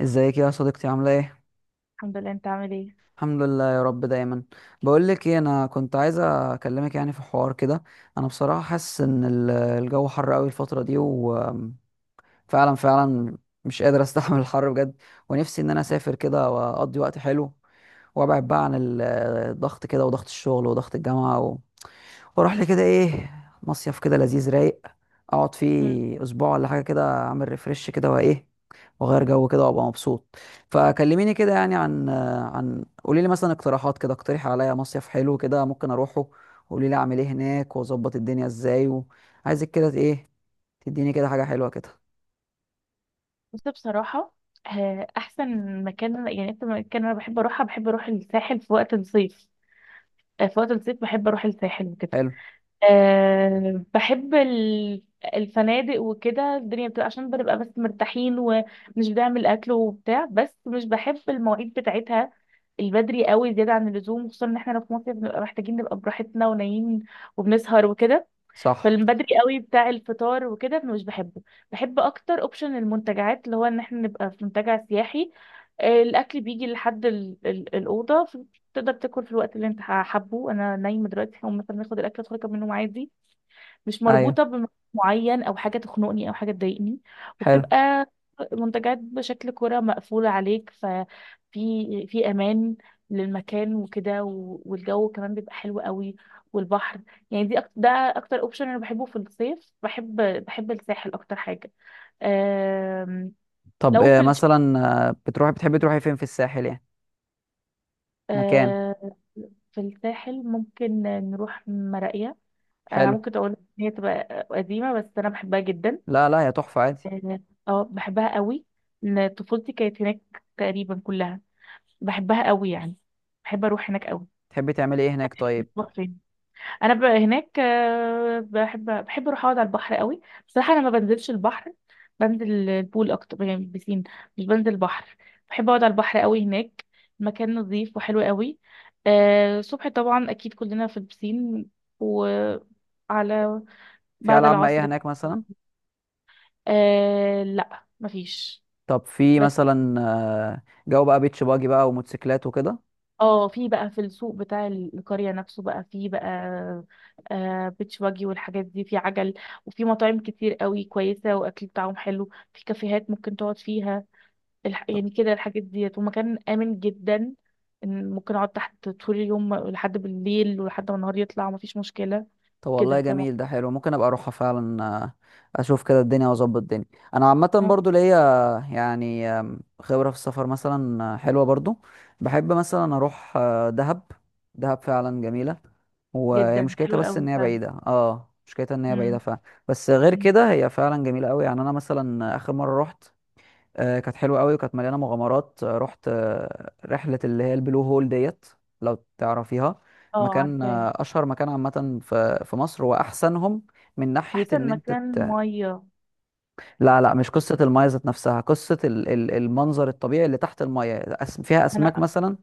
ازيك يا صديقتي، عاملة ايه؟ الحمد لله، انت عامل ايه؟ الحمد لله يا رب دايما. بقول لك ايه، انا كنت عايزة اكلمك يعني في حوار كده. انا بصراحة حاسس ان الجو حر قوي الفترة دي، وفعلا فعلا مش قادر استحمل الحر بجد. ونفسي ان انا اسافر كده واقضي وقت حلو، وابعد بقى عن الضغط كده، وضغط الشغل، وضغط الجامعة، واروح لي كده ايه، مصيف كده لذيذ رايق اقعد مم. فيه اسبوع ولا حاجه، كده اعمل ريفرش كده وايه، واغير جو كده وابقى مبسوط. فكلميني كده يعني عن قولي لي مثلا اقتراحات كده، اقترحي عليا مصيف حلو كده ممكن اروحه. قولي لي اعمل ايه هناك واظبط الدنيا ازاي، وعايزك كده ايه تديني كده حاجه حلوه كده. بص، بصراحة احسن مكان، يعني انت مكان، انا بحب اروح الساحل في وقت الصيف. في وقت الصيف بحب اروح الساحل وكده. حلو. بحب الفنادق وكده. الدنيا بتبقى، عشان بنبقى بس مرتاحين ومش بنعمل اكل وبتاع، بس مش بحب المواعيد بتاعتها البدري قوي زيادة عن اللزوم، خصوصا ان احنا لو في مصر بنبقى محتاجين نبقى براحتنا ونايمين وبنسهر وكده. صح. فالبدري قوي بتاع الفطار وكده مش بحبه. بحب اكتر اوبشن المنتجعات، اللي هو ان احنا نبقى في منتجع سياحي. الاكل بيجي لحد الاوضه. تقدر تاكل في الوقت اللي انت حابه. انا نايمه دلوقتي هقوم مثلا اخد الاكل ادخل اكمل نوم عادي. مش ايوه. مربوطة بمكان معين أو حاجة تخنقني أو حاجة تضايقني. حلو. وبتبقى منتجات بشكل كرة مقفولة عليك. ففي أمان للمكان وكده، والجو كمان بيبقى حلو قوي والبحر. يعني دي أكتر، ده أكتر أوبشن أنا بحبه في الصيف. بحب الساحل أكتر حاجة. أم... طب لو في إيه الش... مثلا؟ بتروحي بتحبي تروحي فين في الساحل يعني، مكان أم... في الساحل ممكن نروح مراقية. أنا حلو؟ ممكن أقول إن هي تبقى قديمة، بس أنا بحبها جدا. لا لا يا تحفه، عادي. اه. بحبها قوي. إن طفولتي كانت هناك تقريبا كلها، بحبها قوي يعني. بحب اروح هناك قوي. تحبي تعملي ايه هناك طيب؟ بروح فين؟ انا هناك بحب اروح اقعد على البحر قوي. بصراحه انا ما بنزلش البحر. بنزل البول اكتر، يعني البسين. مش بنزل البحر. بحب اقعد على البحر قوي هناك. مكان نظيف وحلو قوي. الصبح طبعا اكيد كلنا في البسين، وعلى في بعد العاب العصر. مائيه هناك مثلا؟ لا، مفيش. طب في مثلا جو بقى بيتش باجي بقى وموتوسيكلات وكده؟ اه، في بقى، في السوق بتاع القرية نفسه بقى، في بقى بيتش باجي والحاجات دي، في عجل. وفي مطاعم كتير قوي كويسة، واكل بتاعهم حلو. في كافيهات ممكن تقعد فيها. طب. يعني كده الحاجات ديت، ومكان آمن جدا. إن ممكن اقعد تحت طول اليوم لحد بالليل، ولحد ما النهار يطلع، ومفيش مشكلة طب والله كده، جميل، ده فاهمة؟ حلو، ممكن ابقى اروحها فعلا. اشوف كده الدنيا واظبط الدنيا. انا عامه اه، برضو ليا آه، يعني آم، خبره في السفر مثلا، حلوه برضو. بحب مثلا اروح دهب. دهب فعلا جميله، وهي جدا مشكلتها حلو بس ان قوي هي فعلا. بعيده، اه مشكلتها ان هي بعيده مم. فعلا. بس غير مم. كده هي فعلا جميله قوي. يعني انا مثلا اخر مره رحت كانت حلوه قوي وكانت مليانه مغامرات. رحت رحله اللي هي البلو هول ديت، لو تعرفيها. اه، مكان عارفاها. اشهر مكان عامه في مصر واحسنهم، من ناحيه ان احسن انت مكان مية، لا لا، مش قصه المايه ذات نفسها، قصه المنظر الطبيعي اللي تحت المايه، فيها اسماك أنا… مثلا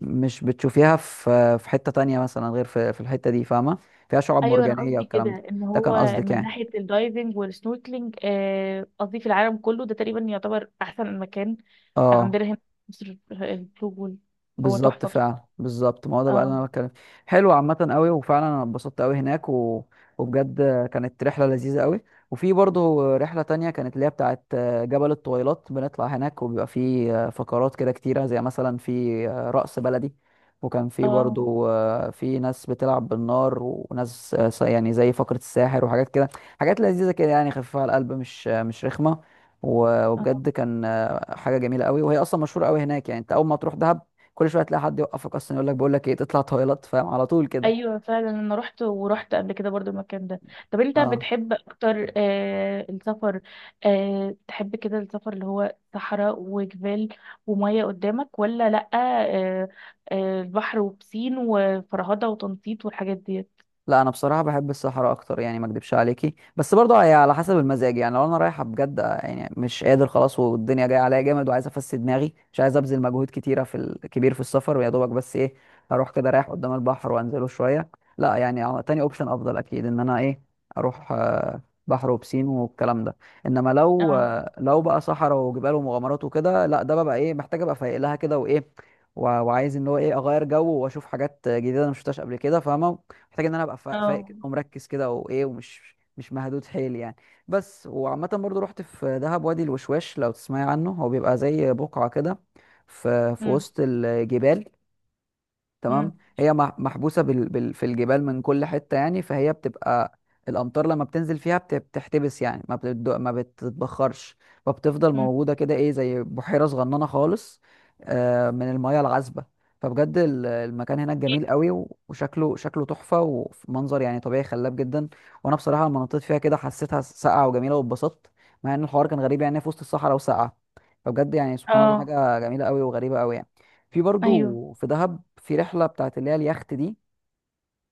مش بتشوفيها في حته تانية مثلا غير في الحته دي، فاهمه؟ فيها شعاب ايوه، انا مرجانيه قصدي كده والكلام ده. ان ده كان هو قصدك من يعني؟ ناحيه الدايفنج والسنوركلينج. قصدي في العالم كله، ده تقريبا يعتبر احسن مكان اه، عندنا هنا في مصر، البلو هول. هو بالظبط، تحفه بصراحه. فعلا بالظبط، ما هو ده بقى اللي اه. انا بتكلم. حلو عامه قوي، وفعلا انا اتبسطت قوي هناك. و... وبجد كانت رحله لذيذه قوي. وفي برضه رحله تانية كانت اللي هي بتاعه جبل الطويلات، بنطلع هناك وبيبقى في فقرات كده كتيره، زي مثلا في رقص بلدي، وكان في اه. برضه في ناس بتلعب بالنار، وناس يعني زي فقره الساحر وحاجات كده. حاجات لذيذه كده يعني، خفيفه على القلب، مش رخمه. اه. وبجد كان حاجه جميله قوي. وهي اصلا مشهوره قوي هناك، يعني انت اول ما تروح دهب كل شويه تلاقي حد يوقفك اصلا يقول لك بقول لك ايه تطلع تويلت، فاهم؟ على طول كده. ايوه فعلا، انا رحت، ورحت قبل كده برضو المكان ده. طب انت اه. بتحب اكتر السفر، تحب كده السفر اللي هو صحراء وجبال وميه قدامك، ولا لأ؟ البحر وبسين وفرهدة وتنطيط والحاجات دي؟ لا انا بصراحه بحب الصحراء اكتر يعني، ما اكدبش عليكي، بس برضه هي على حسب المزاج. يعني لو انا رايحه بجد يعني مش قادر خلاص والدنيا جايه عليا جامد، وعايز افسد دماغي، مش عايز ابذل مجهود كتيره في الكبير في السفر، ويا دوبك بس ايه، اروح كده رايح قدام البحر وانزله شويه. لا يعني تاني اوبشن افضل اكيد، ان انا ايه، اروح بحر وبسين والكلام ده. انما لو اه. لو بقى صحراء وجبال ومغامرات وكده، لا ده ببقى ايه، محتاج ابقى فايق لها كده وايه، وعايز ان هو ايه اغير جو واشوف حاجات جديده انا مشفتهاش قبل كده، فاهمه؟ محتاج ان انا ابقى فايق اه. كده ومركز كده وايه، ومش مش مهدود حيل يعني. بس. وعامة برضو رحت في دهب وادي الوشواش، لو تسمعي عنه. هو بيبقى زي بقعة كده في امم. وسط الجبال، تمام. امم. هي محبوسه في الجبال من كل حته يعني، فهي بتبقى الامطار لما بتنزل فيها بتحتبس يعني، ما بتتبخرش، فبتفضل امم. موجوده كده ايه، زي بحيره صغننه خالص، آه من المياه العذبه. فبجد المكان هناك جميل قوي، وشكله شكله تحفه، ومنظر يعني طبيعي خلاب جدا. وانا بصراحه لما نطيت فيها كده حسيتها ساقعه وجميله واتبسطت، مع ان الحوار كان غريب يعني في وسط الصحراء وساقعه. فبجد يعني سبحان الله، اه. حاجه جميله قوي وغريبه قوي يعني. في ايوه. برضو في دهب في رحله بتاعت اللي هي اليخت دي،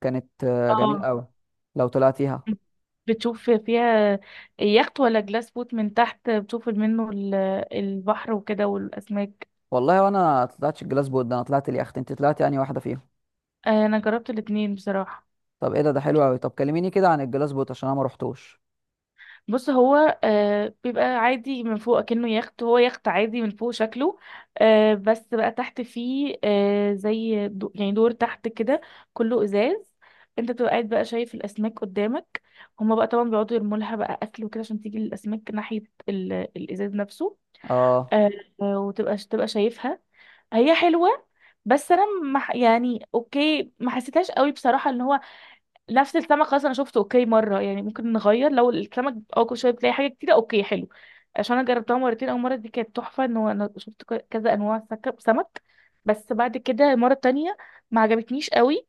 كانت جميله اه. قوي، لو طلعتيها. مم. بتشوف فيها يخت، ولا جلاس بوت من تحت بتشوف منه البحر وكده والاسماك؟ والله وانا طلعتش الجلاس بوت ده، انا طلعت اليخت، انت طلعتي يعني واحده فيهم؟ انا جربت الاتنين بصراحة. طب ايه ده، ده حلو قوي. طب كلميني كده عن الجلاس بوت عشان انا ما رحتوش. بص، هو بيبقى عادي من فوق كأنه يخت. هو يخت عادي من فوق شكله. بس بقى تحت فيه، زي يعني دور تحت كده، كله ازاز. انت بتبقى قاعد بقى شايف الاسماك قدامك. هما بقى طبعا بيقعدوا يرموا لها بقى اكل وكده، عشان تيجي الاسماك ناحية الازاز نفسه. اه. آه. وتبقى شايفها. هي حلوة. بس انا ما ح- يعني اوكي، ما حسيتهاش قوي بصراحة. ان هو نفس السمك خلاص، انا شفته اوكي مره. يعني ممكن نغير لو السمك، اه، كل شويه بتلاقي حاجه جديده، اوكي حلو. عشان انا جربتها مرتين. اول مره دي كانت تحفه، ان هو انا شفت كذا انواع سمك. بس بعد كده المره التانية ما عجبتنيش قوي.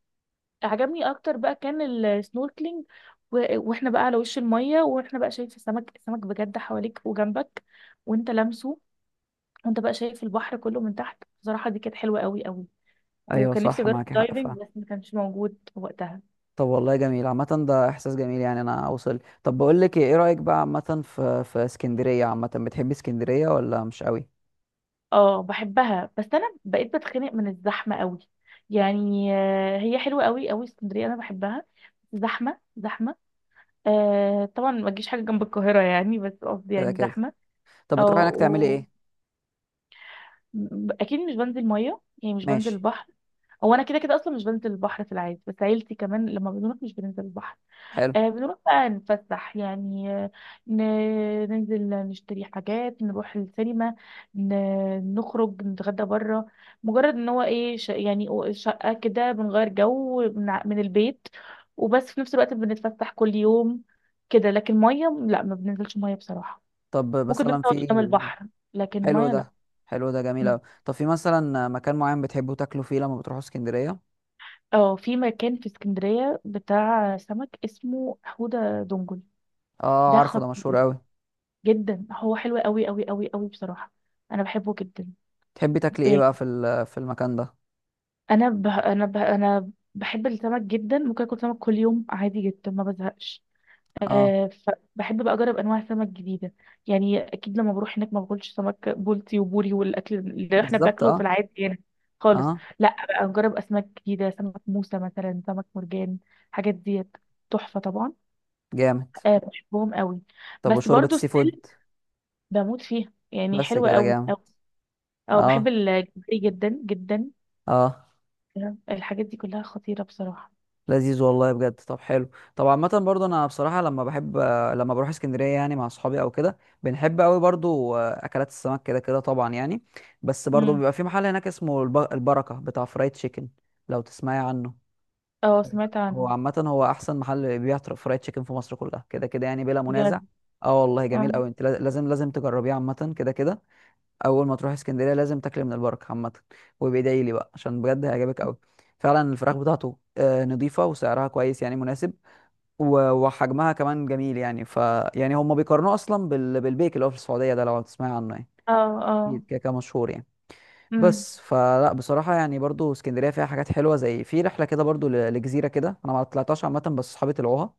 عجبني اكتر بقى كان السنوركلينج، و... واحنا بقى على وش الميه، واحنا بقى شايف السمك. السمك بجد حواليك وجنبك، وانت لامسه. وانت بقى شايف البحر كله من تحت. بصراحه دي كانت حلوه قوي قوي. ايوه وكان نفسي صح، اجرب معاكي حق دايفنج، فعلا. بس ما كانش موجود وقتها. طب والله جميل عامه، ده احساس جميل يعني انا اوصل. طب بقول لك ايه، إيه رايك بقى عامه في اسكندريه؟ عامه بتحبي اسكندريه ولا مش قوي؟ اه، بحبها، بس انا بقيت بتخنق من الزحمه قوي. يعني هي حلوه قوي قوي اسكندريه، انا بحبها، بس زحمه زحمه. طبعا ما تجيش حاجه جنب القاهره يعني، بس قصدي كده يعني كده. زحمه. طب اه. بتروحي هناك تعملي ايه؟ اكيد مش بنزل ميه، يعني مش بنزل ماشي. البحر. هو انا كده كده اصلا مش بنزل البحر في العادي، بس عيلتي كمان لما بنروح مش بننزل البحر. حلو. بنروح بقى نتفسح يعني. ن- ننزل نشتري حاجات، نروح السينما. نخرج نتغدى بره. مجرد ان هو ايه، يعني شقة كده، بنغير جو من البيت. وبس في نفس الوقت بنتفسح كل يوم كده، لكن مية لا، ما بننزلش مية بصراحة. طب ممكن نروح مثلا نقعد في. قدام البحر، لكن حلو مية لا. ده. حلو ده، جميل م. قوي. طب في مثلا مكان معين بتحبوا تاكلوا فيه لما بتروحوا اسكندرية؟ اه، في مكان في اسكندرية بتاع سمك اسمه حودة دنجل. اه ده عارفه ده، مشهور خطير قوي. جدا. هو حلو قوي قوي قوي قوي بصراحة، انا بحبه جدا. تحبي تاكلي ايه ب- بقى في في المكان ده؟ انا بحب السمك جدا، ممكن اكل سمك كل يوم عادي جدا، ما بزهقش. اه، أه. فبحب بقى اجرب انواع سمك جديده. يعني اكيد لما بروح هناك ما باكلش سمك بولتي وبوري والاكل اللي احنا بالظبط. بناكله في اه. العادي يعني، خالص. اه. لا، بقى اجرب اسماك جديده، سمك موسى مثلا، سمك مرجان، حاجات ديت تحفه طبعا. جامد. أه، بحبهم قوي. طب بس وشوربة برضو السي فود؟ ستيل، بموت فيها يعني، بس حلوه كده قوي. جامد. اه، بحب اه. الجمبري جدا جدا. اه. الحاجات دي كلها خطيرة بصراحة. لذيذ والله بجد. طب حلو. طب عامة برضو انا بصراحة، لما بحب لما بروح اسكندرية يعني مع اصحابي او كده، بنحب قوي برضو اكلات السمك كده كده طبعا يعني. بس برضو امم. بيبقى في محل هناك اسمه البركة، بتاع فرايد تشيكن، لو تسمعي عنه. اه، سمعت هو عنه. عامة هو أحسن محل بيبيع فرايد تشيكن في مصر كلها كده كده يعني، بلا منازع. بجد؟ اه والله جميل اه. أوي. أنت لازم لازم تجربيه عامة كده كده. أول ما تروح اسكندرية لازم تاكل من البركة عامة، وبيدعي لي بقى عشان بجد هيعجبك أوي. فعلا الفراخ بتاعته نضيفة، وسعرها كويس يعني مناسب، وحجمها كمان جميل يعني. ف يعني هما بيقارنوه أصلا بالبيك اللي هو في السعودية ده، لو تسمعي عنه يعني، اه. اه. أكيد كده كده مشهور يعني. امم. بس فلا بصراحة يعني برضو اسكندرية فيها حاجات حلوة، زي في رحلة كده برضو لجزيرة كده، أنا ما طلعتهاش عامة بس صحابي طلعوها.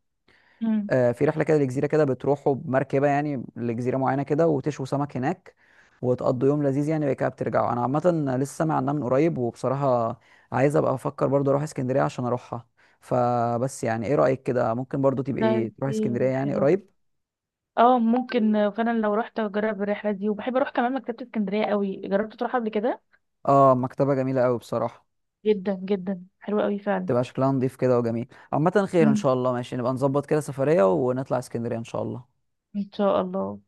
امم. في رحلة كده لجزيرة كده، بتروحوا بمركبة يعني لجزيرة معينة كده، وتشووا سمك هناك، وتقضوا يوم لذيذ يعني، بعد كده بترجعوا. أنا عامة لسه سامع عنها من قريب، وبصراحة عايز أبقى أفكر برضو أروح اسكندرية عشان أروحها. فبس يعني إيه رأيك كده، ممكن برضو ده، تبقي تروحي دي اسكندرية يعني حلوة. قريب؟ اه، ممكن فعلا لو رحت اجرب الرحلة دي، وبحب اروح كمان مكتبة اسكندرية قوي. جربت تروح قبل كده؟ اه مكتبة جميلة أوي بصراحة. جدا جدا حلوة قوي فعلا. تبقى شكلها نضيف كده وجميل. عامة خير ان امم. شاء الله، ماشي نبقى نظبط كده سفرية ونطلع اسكندرية ان شاء الله. ان شاء الله.